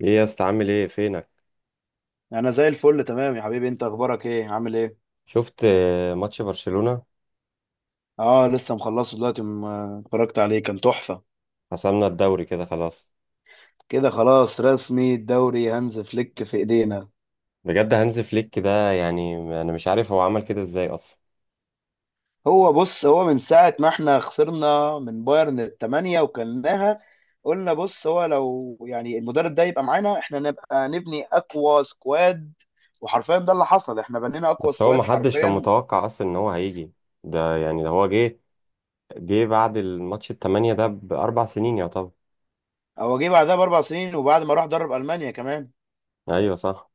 ايه يا اسطى، عامل ايه؟ فينك؟ انا زي الفل، تمام يا حبيبي. انت اخبارك ايه؟ عامل ايه؟ شفت ماتش برشلونة؟ اه، لسه مخلصه دلوقتي، اتفرجت عليه كان تحفة. حسمنا الدوري كده خلاص. كده خلاص رسمي، الدوري هانز فليك في ايدينا. بجد؟ هانز فليك ده، يعني انا مش عارف هو عمل كده ازاي اصلا. هو بص، هو من ساعة ما احنا خسرنا من بايرن الثمانية وكلناها، قلنا بص، هو لو يعني المدرب ده يبقى معانا، احنا نبقى نبني اقوى سكواد. وحرفيا ده اللي حصل، احنا بنينا اقوى بس هو سكواد محدش كان حرفيا. متوقع اصلا ان هو هيجي. ده يعني ده هو جه بعد الماتش التمانية ده ب4 سنين يا طب. هو جه بعدها ب4 سنين، وبعد ما راح درب المانيا كمان. ايوه صح.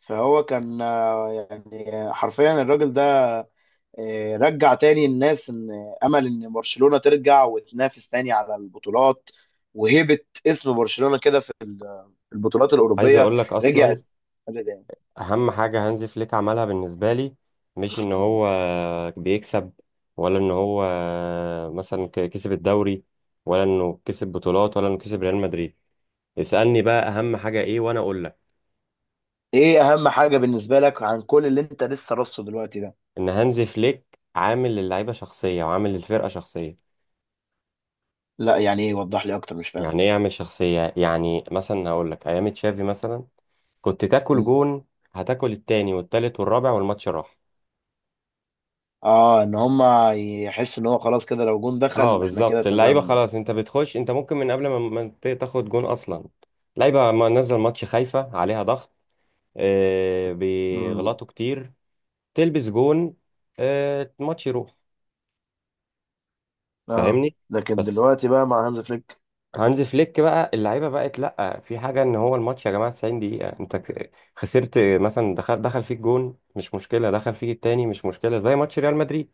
فهو كان يعني حرفيا الراجل ده رجع تاني الناس ان امل، ان برشلونة ترجع وتنافس تاني على البطولات، وهيبة اسم برشلونة كده في البطولات عايز الأوروبية اقول لك اصلا رجعت. اهم حاجه هانز فليك عملها بالنسبه لي، مش ان هو بيكسب، ولا ان هو مثلا كسب الدوري، ولا انه كسب بطولات، ولا انه كسب ريال مدريد. اسالني بقى، اهم حاجه ايه وانا اقول لك. ايه اهم حاجة بالنسبة لك عن كل اللي انت لسه رصه دلوقتي ده؟ ان هانز فليك عامل للعيبه شخصيه وعامل للفرقه شخصيه. لا يعني ايه؟ وضح لي اكتر، مش فاهم. يعني ايه يعمل شخصيه؟ يعني مثلا هقول لك ايام تشافي مثلا، كنت تاكل مم. جون، هتاكل التاني والتالت والرابع والماتش راح. اه، ان هما يحسوا ان هو خلاص كده، لو جون اه دخل احنا كده بالظبط، اللعيبه اتهزمنا. خلاص، انت بتخش، انت ممكن من قبل ما تاخد جون اصلا. لعيبه ما نزل ماتش خايفه عليها ضغط، امم، بيغلطوا كتير، تلبس جون، الماتش يروح، اه فاهمني؟ لكن بس دلوقتي بقى مع هانز فليك. هانز فليك بقى، اللعيبه بقت لا في حاجه، ان هو الماتش يا جماعه 90 دقيقه، انت خسرت مثلا، دخل فيك جون مش مشكله، دخل فيك التاني مش مشكله، زي ماتش ريال مدريد،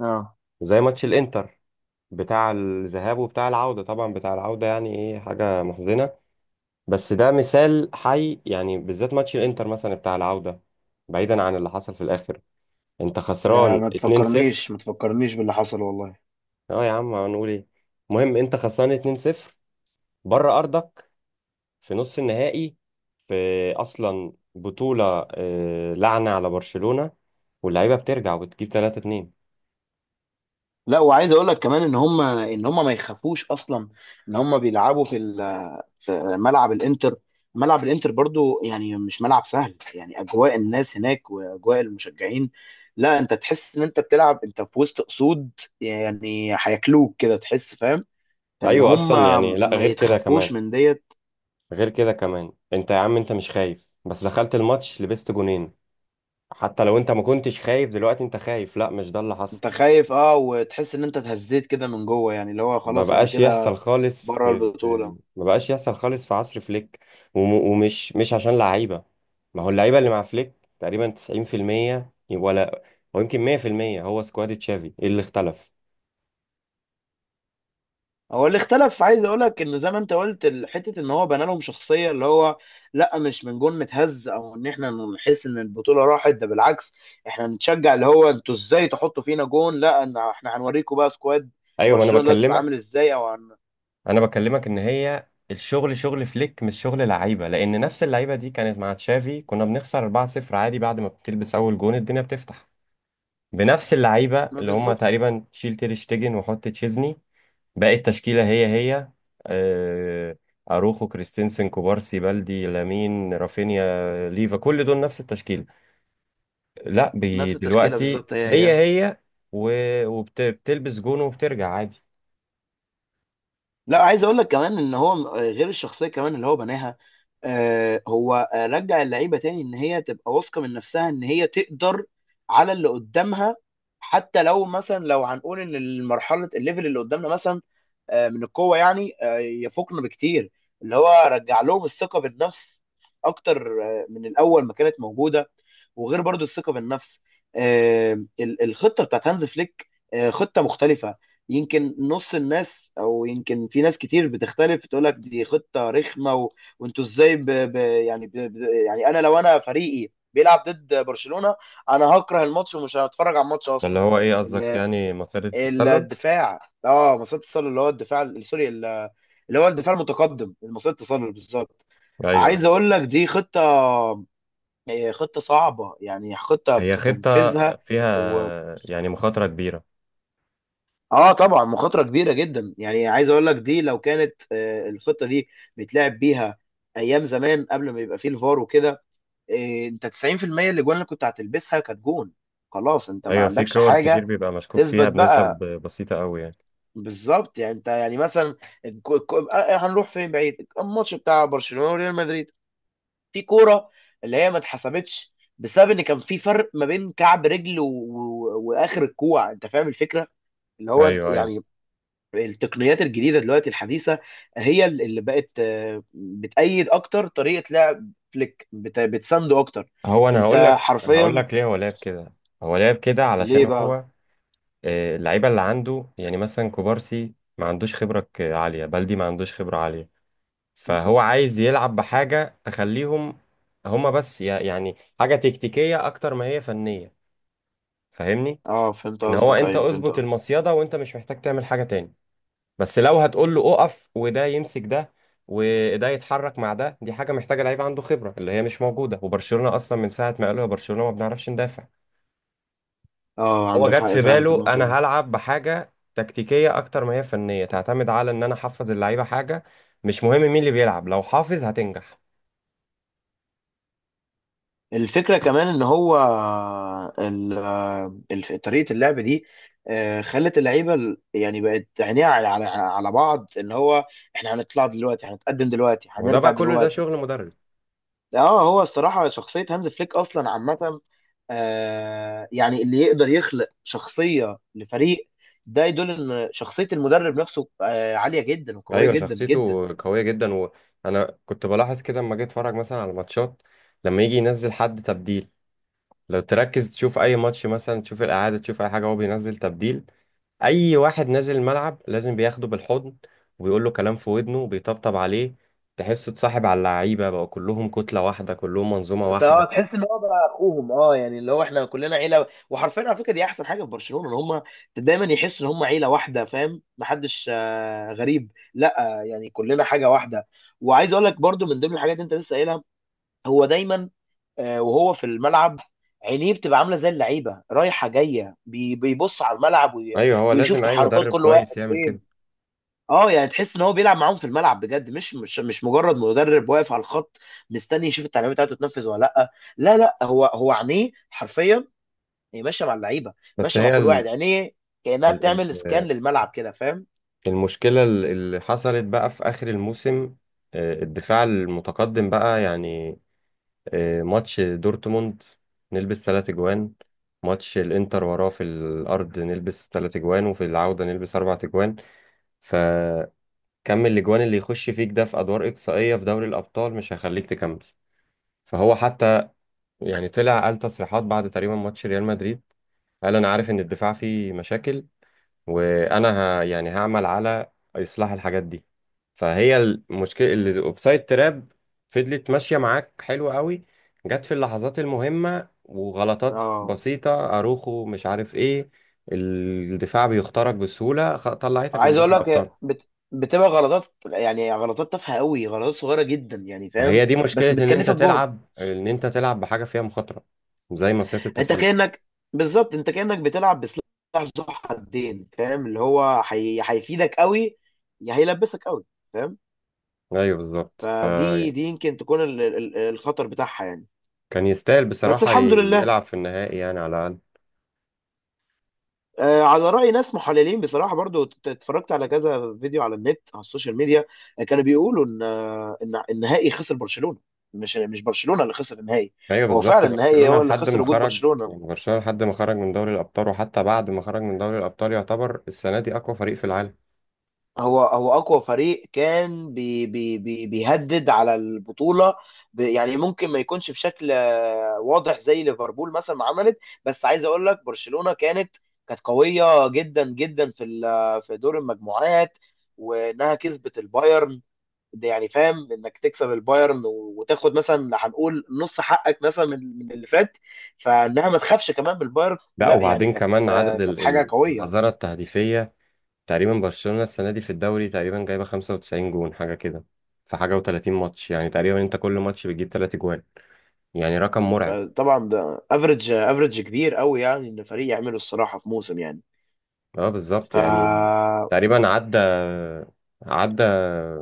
اه زي ماتش الانتر بتاع الذهاب وبتاع العوده، طبعا بتاع العوده يعني ايه، حاجه محزنه. بس ده مثال حي يعني، بالذات ماتش الانتر مثلا بتاع العودة. بعيدا عن اللي حصل في الاخر، انت ده خسران ما 2-0. تفكرنيش، ما تفكرنيش باللي حصل والله. اه يا عم هنقول ايه؟ المهم انت خسران 2-0 بره ارضك في نص النهائي، في اصلا بطولة، لعنة على برشلونة، واللعيبة بترجع وبتجيب 3-2. لا، وعايز اقول لك كمان ان هم، ما يخافوش اصلا. ان هم بيلعبوا في ملعب الانتر. ملعب الانتر برضو يعني مش ملعب سهل، يعني اجواء الناس هناك واجواء المشجعين، لا انت تحس ان انت بتلعب انت في وسط اسود، يعني هياكلوك كده تحس، فاهم؟ ان ايوه هم اصلا يعني، لا ما غير كده كمان، يتخافوش من ديت. غير كده كمان، انت يا عم انت مش خايف، بس دخلت الماتش لبست جونين. حتى لو انت ما كنتش خايف دلوقتي انت خايف، لا مش ده اللي انت حصل. خايف اه، وتحس ان انت اتهزيت كده من جوه، يعني اللي هو ما خلاص انا بقاش يحصل كده خالص بره في, البطولة. في ما بقاش يحصل خالص في عصر فليك. وم... ومش مش عشان لعيبة. ما هو اللعيبة اللي مع فليك تقريبا 90% ولا ويمكن 100%، هو سكواد تشافي، ايه اللي اختلف؟ هو اللي اختلف، عايز اقول لك ان زي ما انت قلت حته ان هو بنى لهم شخصيه، اللي هو لا مش من جون متهز، او ان احنا نحس ان البطوله راحت. ده بالعكس، احنا نتشجع، اللي هو انتوا ازاي تحطوا فينا جون، لا إن احنا هنوريكم بقى سكواد ايوه، ما انا برشلونه دلوقتي بقى عامل بكلمك، ازاي، انا بكلمك ان هي الشغل شغل فليك مش شغل لعيبة، لان نفس اللعيبة دي كانت مع تشافي كنا بنخسر 4-0 عادي، بعد ما بتلبس اول جون الدنيا بتفتح. بنفس اللعيبة، ما اللي هم بالظبط. تقريبا شيل تير شتيجن وحط تشيزني، باقي التشكيلة هي هي. آه، أروخو، كريستينسن، كوبارسي، بالدي، لامين، رافينيا، ليفا، كل دول نفس التشكيلة. لا نفس التشكيله دلوقتي بالظبط، هي هي هي. هي، وبتلبس جون وبترجع عادي. لا عايز اقول لك كمان ان هو، غير الشخصيه كمان اللي هو بناها، هو رجع اللعيبه تاني ان هي تبقى واثقه من نفسها، ان هي تقدر على اللي قدامها. حتى لو مثلا، لو هنقول ان المرحله، الليفل اللي قدامنا مثلا من القوه، يعني يفوقنا بكتير. اللي هو رجع لهم الثقه بالنفس اكتر من الاول ما كانت موجوده. وغير برضو الثقه بالنفس، آه، الخطه بتاعت هانز فليك خطه مختلفه. يمكن نص الناس، او يمكن في ناس كتير بتختلف تقول لك دي خطه رخمه، وانتوا ازاي يعني يعني انا، لو فريقي بيلعب ضد برشلونه، انا هكره الماتش ومش هتفرج على الماتش ده اللي اصلا. هو ايه ال... قصدك؟ يعني مسيرة التسلل؟ الدفاع، اه مصيدة التسلل، اللي هو الدفاع سوري اللي هو الدفاع المتقدم، مصيدة التسلل بالظبط. عايز ايوه، اقول لك دي خطه، خطه صعبه يعني، خطه هي خطة كتنفيذها فيها يعني مخاطرة كبيرة. اه طبعا مخاطره كبيره جدا. يعني عايز اقول لك دي لو كانت الخطه دي بيتلعب بيها ايام زمان، قبل ما يبقى فيه الفار وكده، انت 90% اللي جوان اللي كنت هتلبسها كانت جون، خلاص انت ما ايوه، في عندكش كور حاجه كتير بيبقى مشكوك فيها تثبت بنسب بقى. بسيطة قوي يعني. بالظبط يعني، انت يعني مثلا، هنروح فين بعيد، الماتش بتاع برشلونه وريال مدريد، في كوره اللي هي ما اتحسبتش بسبب ان كان في فرق ما بين كعب رجل واخر الكوع، انت فاهم الفكره، اللي هو انت ايوه ايوه. يعني التقنيات الجديده دلوقتي الحديثه هي اللي بقت بتأيد اكتر طريقه لعب فليك، بتسانده اكتر. هو انا هقول انت لك هقول حرفيا. لك ليه هو لعب كده. هو لعب كده علشان ليه بقى؟ هو، اللعيبه اللي عنده، يعني مثلا كوبارسي ما عندوش خبره عاليه، بلدي ما عندوش خبره عاليه. مم. فهو عايز يلعب بحاجه تخليهم، هما بس يعني حاجه تكتيكيه اكتر ما هي فنيه، فاهمني؟ اه فهمت ان هو قصدك، انت ايوه فهمت اظبط قصدك. المصيده وانت مش محتاج تعمل حاجه تاني، بس لو هتقول له اقف وده يمسك ده وده يتحرك مع ده، دي حاجه محتاجه لعيب عنده خبره اللي هي مش موجوده، وبرشلونه اصلا من ساعه ما قالوا يا برشلونه ما بنعرفش ندافع. اه هو عندك جت حق في فعلا في باله النقطه انا دي. هلعب بحاجه تكتيكيه اكتر ما هي فنيه، تعتمد على ان انا احفظ اللعيبه حاجه. مش مهم مين اللي بيلعب، لو حافظ هتنجح. الفكره كمان ان هو، طريقه اللعب دي خلت اللعيبه، يعني بقت عينيها على بعض، اللي هو احنا هنطلع دلوقتي، هنتقدم دلوقتي، ما هو ده هنرجع بقى كله، ده دلوقتي. شغل مدرب. اه، هو الصراحة شخصية هانز فليك أصلا عامة، آه يعني اللي يقدر يخلق شخصية لفريق، ده يدل إن شخصية المدرب نفسه آه عالية جدا وقوية ايوه، جدا جدا شخصيته يعني. قويه جدا، وانا كنت بلاحظ كده لما جيت اتفرج مثلا على ماتشات. لما يجي ينزل حد تبديل، لو تركز تشوف اي ماتش مثلا، تشوف الاعاده، تشوف اي حاجه هو بينزل تبديل، اي واحد نازل الملعب لازم بياخده بالحضن وبيقول له كلام في ودنه وبيطبطب عليه. تحسه اتصاحب على اللعيبه، بقوا كلهم كتله واحده، كلهم منظومه انت اه واحده. تحس ان هو بقى اخوهم، اه يعني اللي هو احنا كلنا عيله. وحرفيا على فكره دي احسن حاجه في برشلونه، ان هم دايما يحسوا ان هم عيله واحده، فاهم؟ محدش آه غريب، لا آه يعني كلنا حاجه واحده. وعايز اقول لك برضو من ضمن الحاجات اللي انت لسه قايلها، هو دايما وهو في الملعب، عينيه بتبقى عامله زي اللعيبه رايحه جايه، بيبص على الملعب ايوه، هو ويشوف لازم اي تحركات مدرب كل واحد كويس يعمل كده. فين. اه يعني تحس ان هو بيلعب معاهم في الملعب بجد، مش مجرد مدرب واقف على الخط، مستني يشوف التعليمات بتاعته تنفذ ولا لا. هو، عينيه حرفيا هي ماشيه مع اللعيبه، بس ماشيه مع هي كل واحد. عينيه كانها ال- بتعمل سكان ال- للملعب كده، فاهم؟ المشكله اللي حصلت بقى في اخر الموسم، الدفاع المتقدم بقى يعني، ماتش دورتموند نلبس 3 اجوان، ماتش الانتر وراه في الارض نلبس 3 اجوان، وفي العوده نلبس 4 اجوان. ف كم الاجوان اللي يخش فيك ده في ادوار اقصائيه في دوري الابطال مش هيخليك تكمل. فهو حتى يعني طلع قال تصريحات بعد تقريبا ماتش ريال مدريد، قال انا عارف ان الدفاع فيه مشاكل، وانا يعني هعمل على اصلاح الحاجات دي. فهي المشكله، اللي الاوفسايد تراب فضلت ماشيه معاك حلو قوي، جت في اللحظات المهمه وغلطات اه بسيطه، اروخو مش عارف ايه، الدفاع بيخترق بسهوله، طلعتك من عايز اقول دوري لك هي الابطال. بتبقى غلطات، يعني غلطات تافهه قوي، غلطات صغيره جدا يعني، ما فاهم؟ هي دي مشكلة بس ان انت بتكلفك جهد. تلعب ان انت تلعب بحاجة فيها مخاطرة زي مصيدة انت التسلل. كانك، بالظبط انت كانك بتلعب بسلاح ذو حدين، فاهم؟ اللي هو هيفيدك قوي، يا هيلبسك قوي، فاهم؟ ايوه بالظبط. فدي دي يمكن تكون ال- الخطر بتاعها يعني. كان يستاهل بس بصراحة الحمد ي- لله يلعب في النهائي يعني على الاقل. على رأي ناس محللين بصراحة برضو، اتفرجت على كذا فيديو على النت، على السوشيال ميديا، كانوا بيقولوا ان ان النهائي خسر برشلونة، مش برشلونة اللي خسر النهائي. ايوه هو بالظبط، فعلا النهائي برشلونة هو اللي لحد ما خسر وجود خرج، برشلونة. يعني برشلونة لحد ما خرج من دوري الابطال، وحتى بعد ما خرج من دوري الابطال يعتبر السنة دي اقوى فريق في العالم. هو أقوى فريق كان بي بي بي بيهدد على البطولة، يعني ممكن ما يكونش بشكل واضح زي ليفربول مثلا ما عملت. بس عايز اقول لك برشلونة كانت قوية جدا جدا في دور المجموعات، وانها كسبت البايرن. ده يعني فاهم انك تكسب البايرن وتاخد مثلا، هنقول نص حقك مثلا من اللي فات، فانها ما تخافش كمان من البايرن، لا، لا يعني وبعدين كمان عدد كانت ال- حاجه ال- قويه. العذارة التهديفية. تقريبا برشلونة السنة دي في الدوري تقريبا جايبة 95 جون حاجة كده، في حاجة و30 ماتش، يعني تقريبا انت كل ماتش بتجيب 3 جوان، يعني رقم مرعب. فطبعا ده افريج، كبير قوي يعني، ان فريق يعمله الصراحه في موسم يعني. اه ف بالظبط يعني. تقريبا عدى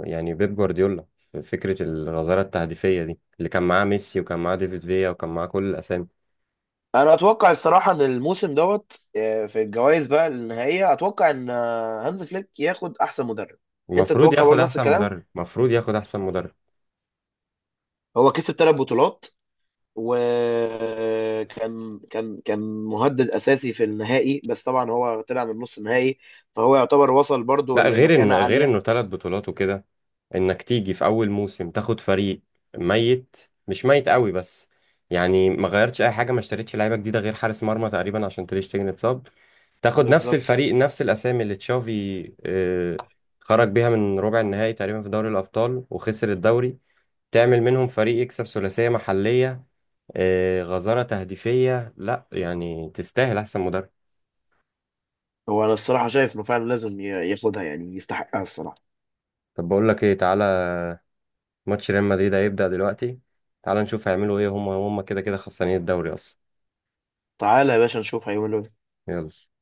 يعني بيب جوارديولا في فكرة الغزارة التهديفية دي، اللي كان معاه ميسي وكان معاه ديفيد فيا وكان معاه كل الأسامي. انا اتوقع الصراحه ان الموسم دوت، في الجوائز بقى النهائيه، اتوقع ان هانز فليك ياخد احسن مدرب. انت المفروض تتوقع ياخد برضه نفس أحسن الكلام. مدرب، المفروض ياخد أحسن مدرب. هو كسب ثلاث بطولات، وكان كان كان مهدد اساسي في النهائي، بس طبعا هو طلع من نص النهائي. فهو يعتبر وصل برضه لا، غير ان، لمكانة غير عالية. انه 3 بطولات وكده، انك تيجي في اول موسم تاخد فريق ميت، مش ميت قوي بس يعني، ما غيرتش اي حاجه، ما اشتريتش لعيبه جديده غير حارس مرمى تقريبا عشان تريشتجن اتصاب، تاخد نفس بالظبط، الفريق نفس الاسامي اللي تشافي خرج بيها من ربع النهائي تقريبا في دوري الابطال وخسر الدوري، تعمل منهم فريق يكسب ثلاثيه محليه، غزاره تهديفيه، لا يعني تستاهل احسن مدرب. هو انا الصراحة شايف انه فعلا لازم ياخدها، يعني يستحقها الصراحة. طب بقول لك ايه، تعالى ماتش ريال مدريد هيبدأ دلوقتي، تعال نشوف هيعملوا ايه، هم كده كده خسرانين الدوري اصلا. تعالى يا باشا نشوف هيعملوا ايه. يلا.